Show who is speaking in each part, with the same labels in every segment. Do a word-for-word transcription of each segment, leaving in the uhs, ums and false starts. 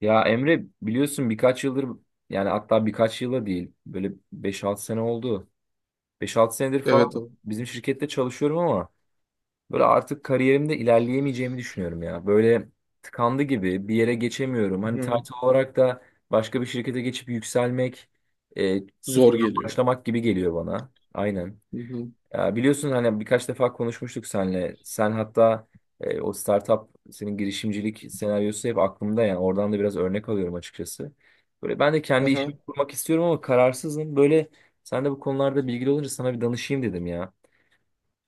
Speaker 1: Ya Emre biliyorsun birkaç yıldır yani hatta birkaç yıla değil böyle beş altı sene oldu. Beş altı senedir
Speaker 2: Evet
Speaker 1: falan
Speaker 2: abi.
Speaker 1: bizim şirkette çalışıyorum ama böyle artık kariyerimde ilerleyemeyeceğimi düşünüyorum ya. Böyle tıkandı gibi bir yere geçemiyorum.
Speaker 2: Hı
Speaker 1: Hani
Speaker 2: hı.
Speaker 1: title olarak da başka bir şirkete geçip yükselmek e,
Speaker 2: Zor
Speaker 1: sıfırdan
Speaker 2: geliyor.
Speaker 1: başlamak gibi geliyor bana. Aynen.
Speaker 2: Hı hı.
Speaker 1: Ya biliyorsun hani birkaç defa konuşmuştuk seninle. Sen hatta e, o startup senin girişimcilik senaryosu hep aklımda yani oradan da biraz örnek alıyorum açıkçası. Böyle ben de kendi işimi
Speaker 2: Aha.
Speaker 1: kurmak istiyorum ama kararsızım. Böyle sen de bu konularda bilgili olunca sana bir danışayım dedim ya.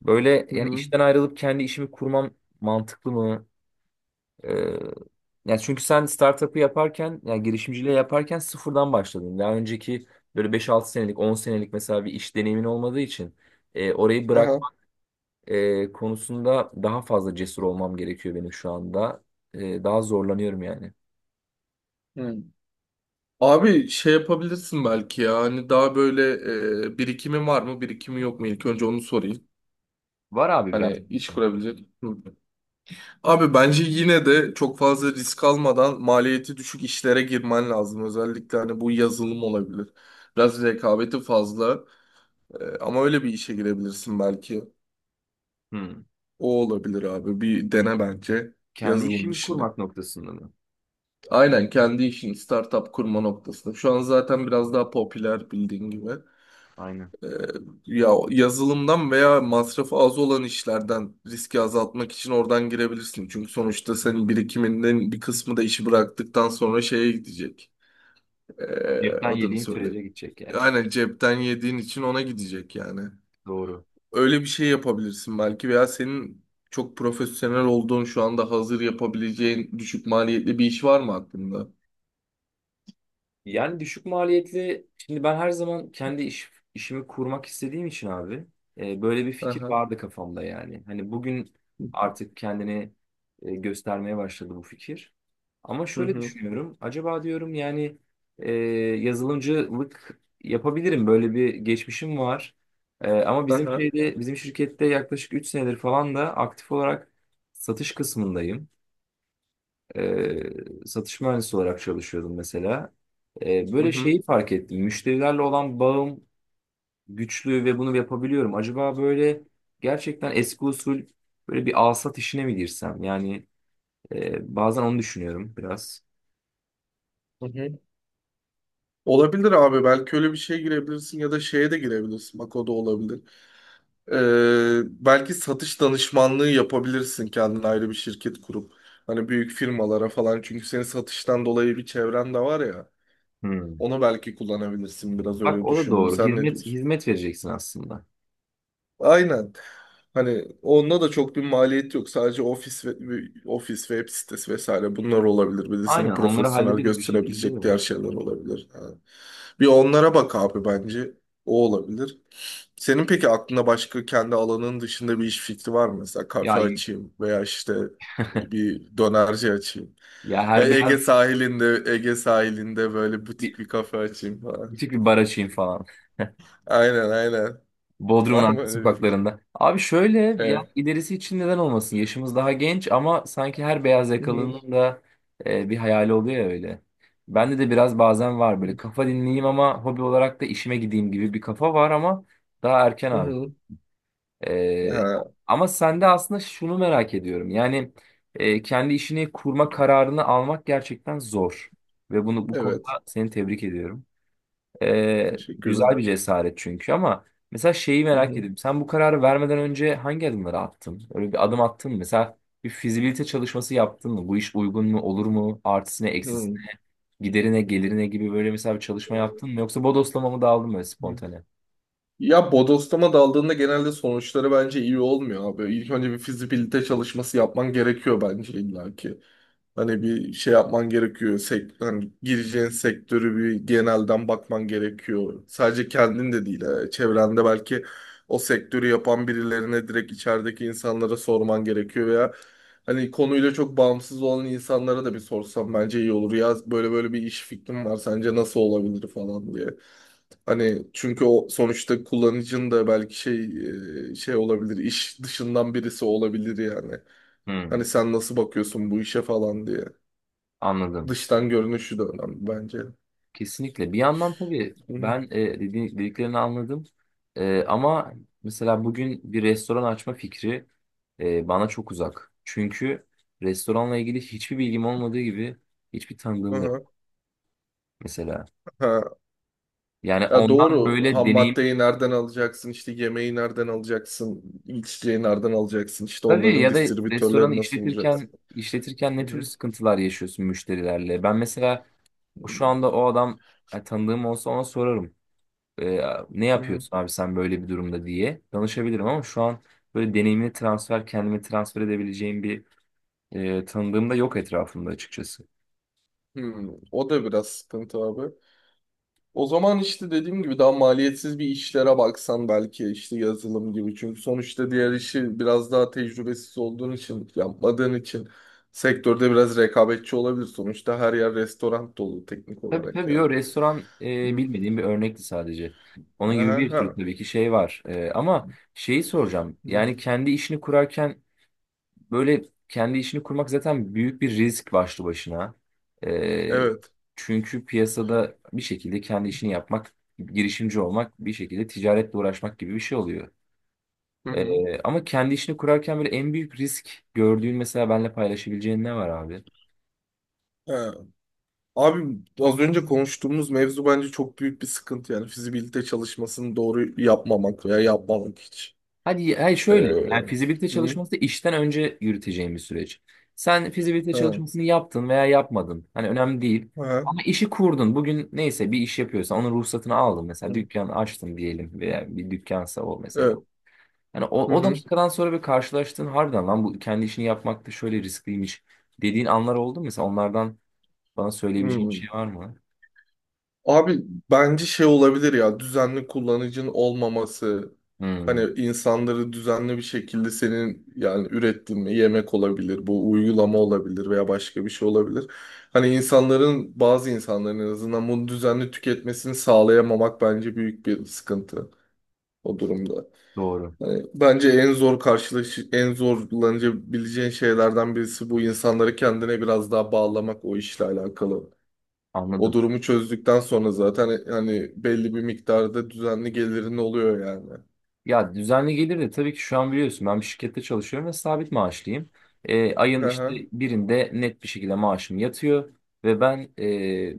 Speaker 1: Böyle
Speaker 2: Hı
Speaker 1: yani
Speaker 2: hı.
Speaker 1: işten ayrılıp kendi işimi kurmam mantıklı mı? Ee, Yani çünkü sen startup'ı yaparken yani girişimciliği yaparken sıfırdan başladın. Daha önceki böyle beş altı senelik on senelik mesela bir iş deneyimin olmadığı için e, orayı bırak
Speaker 2: aha.
Speaker 1: e, konusunda daha fazla cesur olmam gerekiyor benim şu anda. E, daha zorlanıyorum yani.
Speaker 2: Hı. Abi şey yapabilirsin belki ya hani daha böyle e, birikimi var mı birikimi yok mu ilk önce onu sorayım.
Speaker 1: Var abi biraz
Speaker 2: Hani
Speaker 1: bir
Speaker 2: iş
Speaker 1: işim.
Speaker 2: kurabilecek. Hı. Abi bence yine de çok fazla risk almadan maliyeti düşük işlere girmen lazım. Özellikle hani bu yazılım olabilir. Biraz rekabeti fazla E, ama öyle bir işe girebilirsin belki.
Speaker 1: Hmm.
Speaker 2: O olabilir abi bir dene bence
Speaker 1: Kendi
Speaker 2: yazılım
Speaker 1: işimi
Speaker 2: işini.
Speaker 1: kurmak noktasında mı?
Speaker 2: Aynen kendi işin startup kurma noktasında. Şu an zaten biraz daha popüler bildiğin gibi.
Speaker 1: Aynen.
Speaker 2: Ee, ya yazılımdan veya masrafı az olan işlerden riski azaltmak için oradan girebilirsin. Çünkü sonuçta senin birikiminden bir kısmı da işi bıraktıktan sonra şeye gidecek. Ee,
Speaker 1: Cepten
Speaker 2: adını
Speaker 1: yediğim
Speaker 2: söyle.
Speaker 1: sürece gidecek yani.
Speaker 2: Aynen cepten yediğin için ona gidecek yani.
Speaker 1: Doğru.
Speaker 2: Öyle bir şey yapabilirsin belki veya senin çok profesyonel olduğun şu anda hazır yapabileceğin düşük maliyetli bir iş var mı aklında?
Speaker 1: Yani düşük maliyetli şimdi ben her zaman kendi iş, işimi kurmak istediğim için abi e, böyle bir fikir
Speaker 2: Aha.
Speaker 1: vardı kafamda yani. Hani bugün artık kendini e, göstermeye başladı bu fikir. Ama
Speaker 2: Hı
Speaker 1: şöyle
Speaker 2: hı.
Speaker 1: düşünüyorum. Acaba diyorum yani e, yazılımcılık yapabilirim. Böyle bir geçmişim var. E, ama bizim
Speaker 2: Aha.
Speaker 1: şeyde bizim şirkette yaklaşık üç senedir falan da aktif olarak satış kısmındayım. E, satış mühendisi olarak çalışıyordum mesela. E,
Speaker 2: Hı
Speaker 1: böyle
Speaker 2: hı.
Speaker 1: şeyi fark ettim. Müşterilerle olan bağım güçlü ve bunu yapabiliyorum. Acaba böyle gerçekten eski usul böyle bir alsat işine mi girsem? Yani e, bazen onu düşünüyorum biraz.
Speaker 2: Hı hı. Olabilir abi. Belki öyle bir şeye girebilirsin ya da şeye de girebilirsin. Bak o da olabilir. Ee, belki satış danışmanlığı yapabilirsin kendine ayrı bir şirket kurup. Hani büyük firmalara falan. Çünkü senin satıştan dolayı bir çevren de var ya.
Speaker 1: Hmm.
Speaker 2: Onu belki kullanabilirsin biraz
Speaker 1: Bak
Speaker 2: öyle
Speaker 1: o da
Speaker 2: düşündüm.
Speaker 1: doğru.
Speaker 2: Sen ne
Speaker 1: Hizmet
Speaker 2: diyorsun?
Speaker 1: hizmet vereceksin aslında.
Speaker 2: Aynen. Hani onda da çok bir maliyet yok. Sadece ofis ve ofis web sitesi vesaire bunlar olabilir. Bir de
Speaker 1: Aynen
Speaker 2: seni
Speaker 1: onları
Speaker 2: profesyonel
Speaker 1: hallederiz bir şekilde
Speaker 2: gösterebilecek
Speaker 1: de.
Speaker 2: diğer şeyler olabilir. Ha. Bir onlara bak abi bence. O olabilir. Senin peki aklında başka kendi alanın dışında bir iş fikri var mı? Mesela
Speaker 1: Ya
Speaker 2: kafe açayım veya işte e, bir dönerci açayım.
Speaker 1: ya her
Speaker 2: Ve Ege
Speaker 1: beyaz
Speaker 2: sahilinde Ege sahilinde böyle
Speaker 1: bir
Speaker 2: butik bir kafe açayım falan.
Speaker 1: küçük bir bar açayım falan.
Speaker 2: Aynen aynen.
Speaker 1: Bodrum'un
Speaker 2: Var mı
Speaker 1: arka
Speaker 2: öyle bir fikir?
Speaker 1: sokaklarında. Abi şöyle yani
Speaker 2: Evet.
Speaker 1: ilerisi için neden olmasın? Yaşımız daha genç ama sanki her beyaz
Speaker 2: Hı
Speaker 1: yakalının da e, bir hayali oluyor ya öyle. Bende de biraz bazen var böyle
Speaker 2: hı.
Speaker 1: kafa dinleyeyim ama hobi olarak da işime gideyim gibi bir kafa var ama daha erken
Speaker 2: Hı
Speaker 1: abi.
Speaker 2: hı.
Speaker 1: E,
Speaker 2: Ha,
Speaker 1: Ama sende aslında şunu merak ediyorum. Yani e, kendi işini kurma kararını almak gerçekten zor. Ve bunu bu konuda
Speaker 2: evet.
Speaker 1: seni tebrik ediyorum. Ee,
Speaker 2: Teşekkürler.
Speaker 1: güzel bir cesaret çünkü ama mesela şeyi
Speaker 2: Hı
Speaker 1: merak
Speaker 2: hı.
Speaker 1: ediyorum. Sen bu kararı vermeden önce hangi adımları attın? Öyle bir adım attın mı? Mesela bir fizibilite çalışması yaptın mı? Bu iş uygun mu? Olur mu? Artısı ne?
Speaker 2: Hı
Speaker 1: Eksisi? Giderine, gelirine gibi böyle mesela bir çalışma yaptın mı? Yoksa bodoslama mı daldın böyle
Speaker 2: hı.
Speaker 1: spontane?
Speaker 2: Ya bodoslama daldığında genelde sonuçları bence iyi olmuyor abi. İlk önce bir fizibilite çalışması yapman gerekiyor bence illaki. Hani bir şey yapman gerekiyor. Sek hani gireceğin sektörü bir genelden bakman gerekiyor. Sadece kendin de değil. e, Çevrende belki o sektörü yapan birilerine direkt içerideki insanlara sorman gerekiyor veya hani konuyla çok bağımsız olan insanlara da bir sorsam bence iyi olur. Ya böyle böyle bir iş fikrim var. Sence nasıl olabilir falan diye. Hani çünkü o sonuçta kullanıcının da belki şey e, şey olabilir. İş dışından birisi olabilir yani. Hani
Speaker 1: Hmm,
Speaker 2: sen nasıl bakıyorsun bu işe falan diye.
Speaker 1: anladım.
Speaker 2: Dıştan görünüşü de önemli bence. Hı
Speaker 1: Kesinlikle. Bir yandan tabii
Speaker 2: hı.
Speaker 1: ben e, dedi- dediklerini anladım. E, ama mesela bugün bir restoran açma fikri e, bana çok uzak. Çünkü restoranla ilgili hiçbir bilgim olmadığı gibi hiçbir tanıdığım da yok mesela.
Speaker 2: Ha.
Speaker 1: Yani
Speaker 2: Ya
Speaker 1: ondan
Speaker 2: doğru.
Speaker 1: böyle
Speaker 2: Ham
Speaker 1: deneyim
Speaker 2: maddeyi nereden alacaksın? İşte yemeği nereden alacaksın? İçeceği nereden alacaksın? İşte
Speaker 1: tabii
Speaker 2: onların
Speaker 1: ya da restoranı
Speaker 2: distribütörleri nasıl bulacaksın?
Speaker 1: işletirken işletirken
Speaker 2: Hı
Speaker 1: ne türlü
Speaker 2: hı.
Speaker 1: sıkıntılar yaşıyorsun müşterilerle? Ben mesela şu anda o adam e, tanıdığım olsa ona sorarım. e, ne
Speaker 2: Hı hı.
Speaker 1: yapıyorsun abi sen böyle bir durumda diye danışabilirim ama şu an böyle deneyimli transfer kendimi transfer edebileceğim bir e, tanıdığım da yok etrafımda açıkçası.
Speaker 2: Hı. O da biraz sıkıntı abi. O zaman işte dediğim gibi daha maliyetsiz bir işlere baksan belki işte yazılım gibi. Çünkü sonuçta diğer işi biraz daha tecrübesiz olduğun için, yapmadığın için sektörde biraz rekabetçi olabilir. Sonuçta her yer restoran dolu teknik
Speaker 1: Tabii
Speaker 2: olarak
Speaker 1: tabii
Speaker 2: yani.
Speaker 1: yo restoran e,
Speaker 2: Hı.
Speaker 1: bilmediğim bir örnekti sadece. Onun gibi
Speaker 2: Aha,
Speaker 1: bir sürü
Speaker 2: ha.
Speaker 1: tabii ki şey var. E, ama şeyi soracağım.
Speaker 2: Hı.
Speaker 1: Yani kendi işini kurarken böyle kendi işini kurmak zaten büyük bir risk başlı başına. E,
Speaker 2: Evet.
Speaker 1: Çünkü piyasada bir şekilde kendi işini yapmak, girişimci olmak bir şekilde ticaretle uğraşmak gibi bir şey oluyor.
Speaker 2: Hı hı.
Speaker 1: Ee, ama kendi işini kurarken böyle en büyük risk gördüğün mesela benimle paylaşabileceğin ne var abi?
Speaker 2: Ha. Abi az önce konuştuğumuz mevzu bence çok büyük bir sıkıntı yani fizibilite çalışmasını doğru yapmamak veya yapmamak hiç.
Speaker 1: Hadi, hayır
Speaker 2: Ee,
Speaker 1: şöyle yani fizibilite
Speaker 2: hı.
Speaker 1: çalışması da işten önce yürüteceğin bir süreç. Sen fizibilite
Speaker 2: Ha.
Speaker 1: çalışmasını yaptın veya yapmadın. Hani önemli değil.
Speaker 2: Ha.
Speaker 1: Ama işi kurdun. Bugün neyse bir iş yapıyorsan onun ruhsatını aldın. Mesela
Speaker 2: Hı.
Speaker 1: dükkan açtın diyelim veya bir dükkansa o mesela.
Speaker 2: Evet.
Speaker 1: Yani
Speaker 2: Hı
Speaker 1: o, o
Speaker 2: hı.
Speaker 1: dakikadan sonra bir karşılaştığın harbiden lan bu kendi işini yapmak da şöyle riskliymiş dediğin anlar oldu mu? Mesela onlardan bana söyleyebileceğin bir
Speaker 2: Hmm.
Speaker 1: şey var mı?
Speaker 2: Abi bence şey olabilir ya düzenli kullanıcın olmaması hani
Speaker 1: Hmm,
Speaker 2: insanları düzenli bir şekilde senin yani ürettiğin bir yemek olabilir bu uygulama olabilir veya başka bir şey olabilir. Hani insanların bazı insanların en azından bunu düzenli tüketmesini sağlayamamak bence büyük bir sıkıntı o durumda.
Speaker 1: doğru.
Speaker 2: Hani bence en zor karşılaş en zorlanabileceğin şeylerden birisi bu insanları kendine biraz daha bağlamak o işle alakalı. O
Speaker 1: Anladım.
Speaker 2: durumu çözdükten sonra zaten e, hani belli bir miktarda düzenli gelirin oluyor yani.
Speaker 1: Ya düzenli gelir de tabii ki şu an biliyorsun ben bir şirkette çalışıyorum ve sabit maaşlıyım. E, ayın
Speaker 2: Hı
Speaker 1: işte
Speaker 2: hı.
Speaker 1: birinde net bir şekilde maaşım yatıyor ve ben e,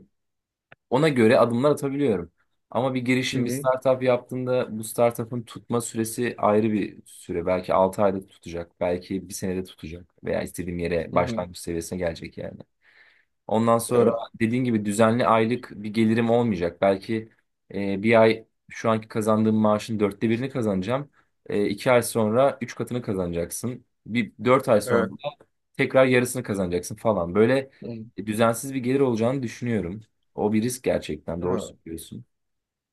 Speaker 1: ona göre adımlar atabiliyorum. Ama bir
Speaker 2: Hı
Speaker 1: girişim bir
Speaker 2: hı.
Speaker 1: startup yaptığında bu startup'ın tutma süresi ayrı bir süre. Belki altı ayda tutacak, belki bir senede tutacak veya istediğim yere
Speaker 2: Hı hı.
Speaker 1: başlangıç seviyesine gelecek yani. Ondan sonra
Speaker 2: Evet.
Speaker 1: dediğin gibi düzenli aylık bir gelirim olmayacak. Belki e, bir ay şu anki kazandığım maaşın dörtte birini kazanacağım. E, iki ay sonra üç katını kazanacaksın. Bir dört ay sonra da
Speaker 2: Evet.
Speaker 1: tekrar yarısını kazanacaksın falan. Böyle
Speaker 2: Hı.
Speaker 1: e, düzensiz bir gelir olacağını düşünüyorum. O bir risk gerçekten. Doğru
Speaker 2: Ha.
Speaker 1: söylüyorsun.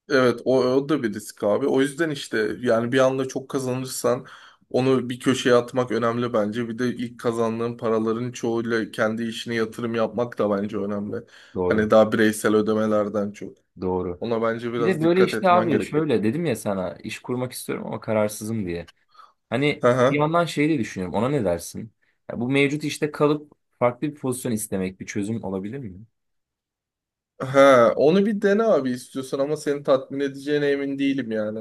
Speaker 2: Evet o, o da bir risk abi. O yüzden işte yani bir anda çok kazanırsan onu bir köşeye atmak önemli bence. Bir de ilk kazandığın paraların çoğuyla kendi işine yatırım yapmak da bence önemli.
Speaker 1: Doğru.
Speaker 2: Hani daha bireysel ödemelerden çok.
Speaker 1: Doğru.
Speaker 2: Ona bence
Speaker 1: Bir de
Speaker 2: biraz
Speaker 1: böyle
Speaker 2: dikkat
Speaker 1: işte
Speaker 2: etmen
Speaker 1: abi
Speaker 2: gerekiyor.
Speaker 1: şöyle dedim ya sana iş kurmak istiyorum ama kararsızım diye. Hani
Speaker 2: Hı
Speaker 1: bir
Speaker 2: hı.
Speaker 1: yandan şey de düşünüyorum. Ona ne dersin? Ya bu mevcut işte kalıp farklı bir pozisyon istemek bir çözüm olabilir mi?
Speaker 2: Ha, onu bir dene abi istiyorsan ama seni tatmin edeceğine emin değilim yani.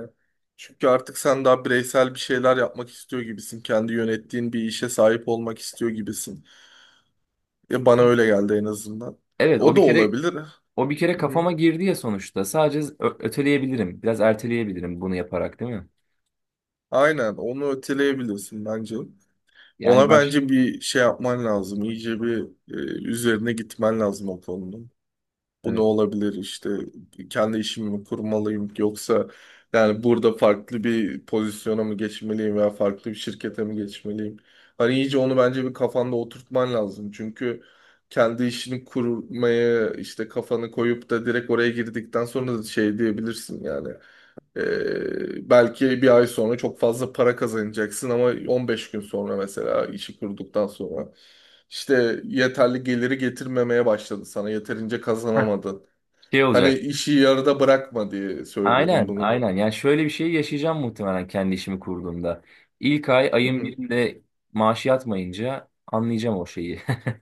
Speaker 2: Çünkü artık sen daha bireysel bir şeyler yapmak istiyor gibisin. Kendi yönettiğin bir işe sahip olmak istiyor gibisin. Ya bana öyle geldi en azından.
Speaker 1: Evet, o
Speaker 2: O da
Speaker 1: bir kere
Speaker 2: olabilir.
Speaker 1: o bir kere
Speaker 2: Hı-hı.
Speaker 1: kafama girdi ya sonuçta. Sadece ö- öteleyebilirim. Biraz erteleyebilirim bunu yaparak, değil mi?
Speaker 2: Aynen onu öteleyebilirsin bence.
Speaker 1: Yani
Speaker 2: Ona
Speaker 1: baş
Speaker 2: bence bir şey yapman lazım. İyice bir e, üzerine gitmen lazım o konunun. Bu ne
Speaker 1: Evet.
Speaker 2: olabilir işte kendi işimi mi kurmalıyım yoksa yani burada farklı bir pozisyona mı geçmeliyim veya farklı bir şirkete mi geçmeliyim? Hani iyice onu bence bir kafanda oturtman lazım. Çünkü kendi işini kurmaya işte kafanı koyup da direkt oraya girdikten sonra da şey diyebilirsin yani. Ee, belki bir ay sonra çok fazla para kazanacaksın ama on beş gün sonra mesela işi kurduktan sonra işte yeterli geliri getirmemeye başladı sana yeterince
Speaker 1: Heh,
Speaker 2: kazanamadın.
Speaker 1: şey
Speaker 2: Hani
Speaker 1: olacak.
Speaker 2: işi yarıda bırakma diye söylüyorum
Speaker 1: Aynen,
Speaker 2: bunu.
Speaker 1: aynen. Yani şöyle bir şey yaşayacağım muhtemelen kendi işimi kurduğumda. İlk ay
Speaker 2: Hı
Speaker 1: ayın
Speaker 2: hı.
Speaker 1: birinde maaşı yatmayınca anlayacağım o şeyi.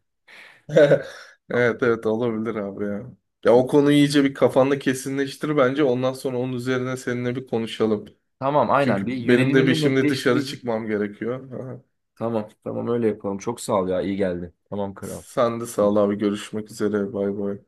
Speaker 2: Evet evet olabilir abi ya. Ya o konuyu iyice bir kafanda kesinleştir bence. Ondan sonra onun üzerine seninle bir konuşalım.
Speaker 1: Tamam, aynen.
Speaker 2: Çünkü
Speaker 1: Bir
Speaker 2: benim de bir
Speaker 1: yönelimimi
Speaker 2: şimdi dışarı
Speaker 1: netleştireyim.
Speaker 2: çıkmam gerekiyor. Aha.
Speaker 1: Tamam, tamam öyle yapalım. Çok sağ ol ya, iyi geldi. Tamam kral.
Speaker 2: Sen de sağ ol
Speaker 1: Evet.
Speaker 2: abi. Görüşmek üzere. Bay bay.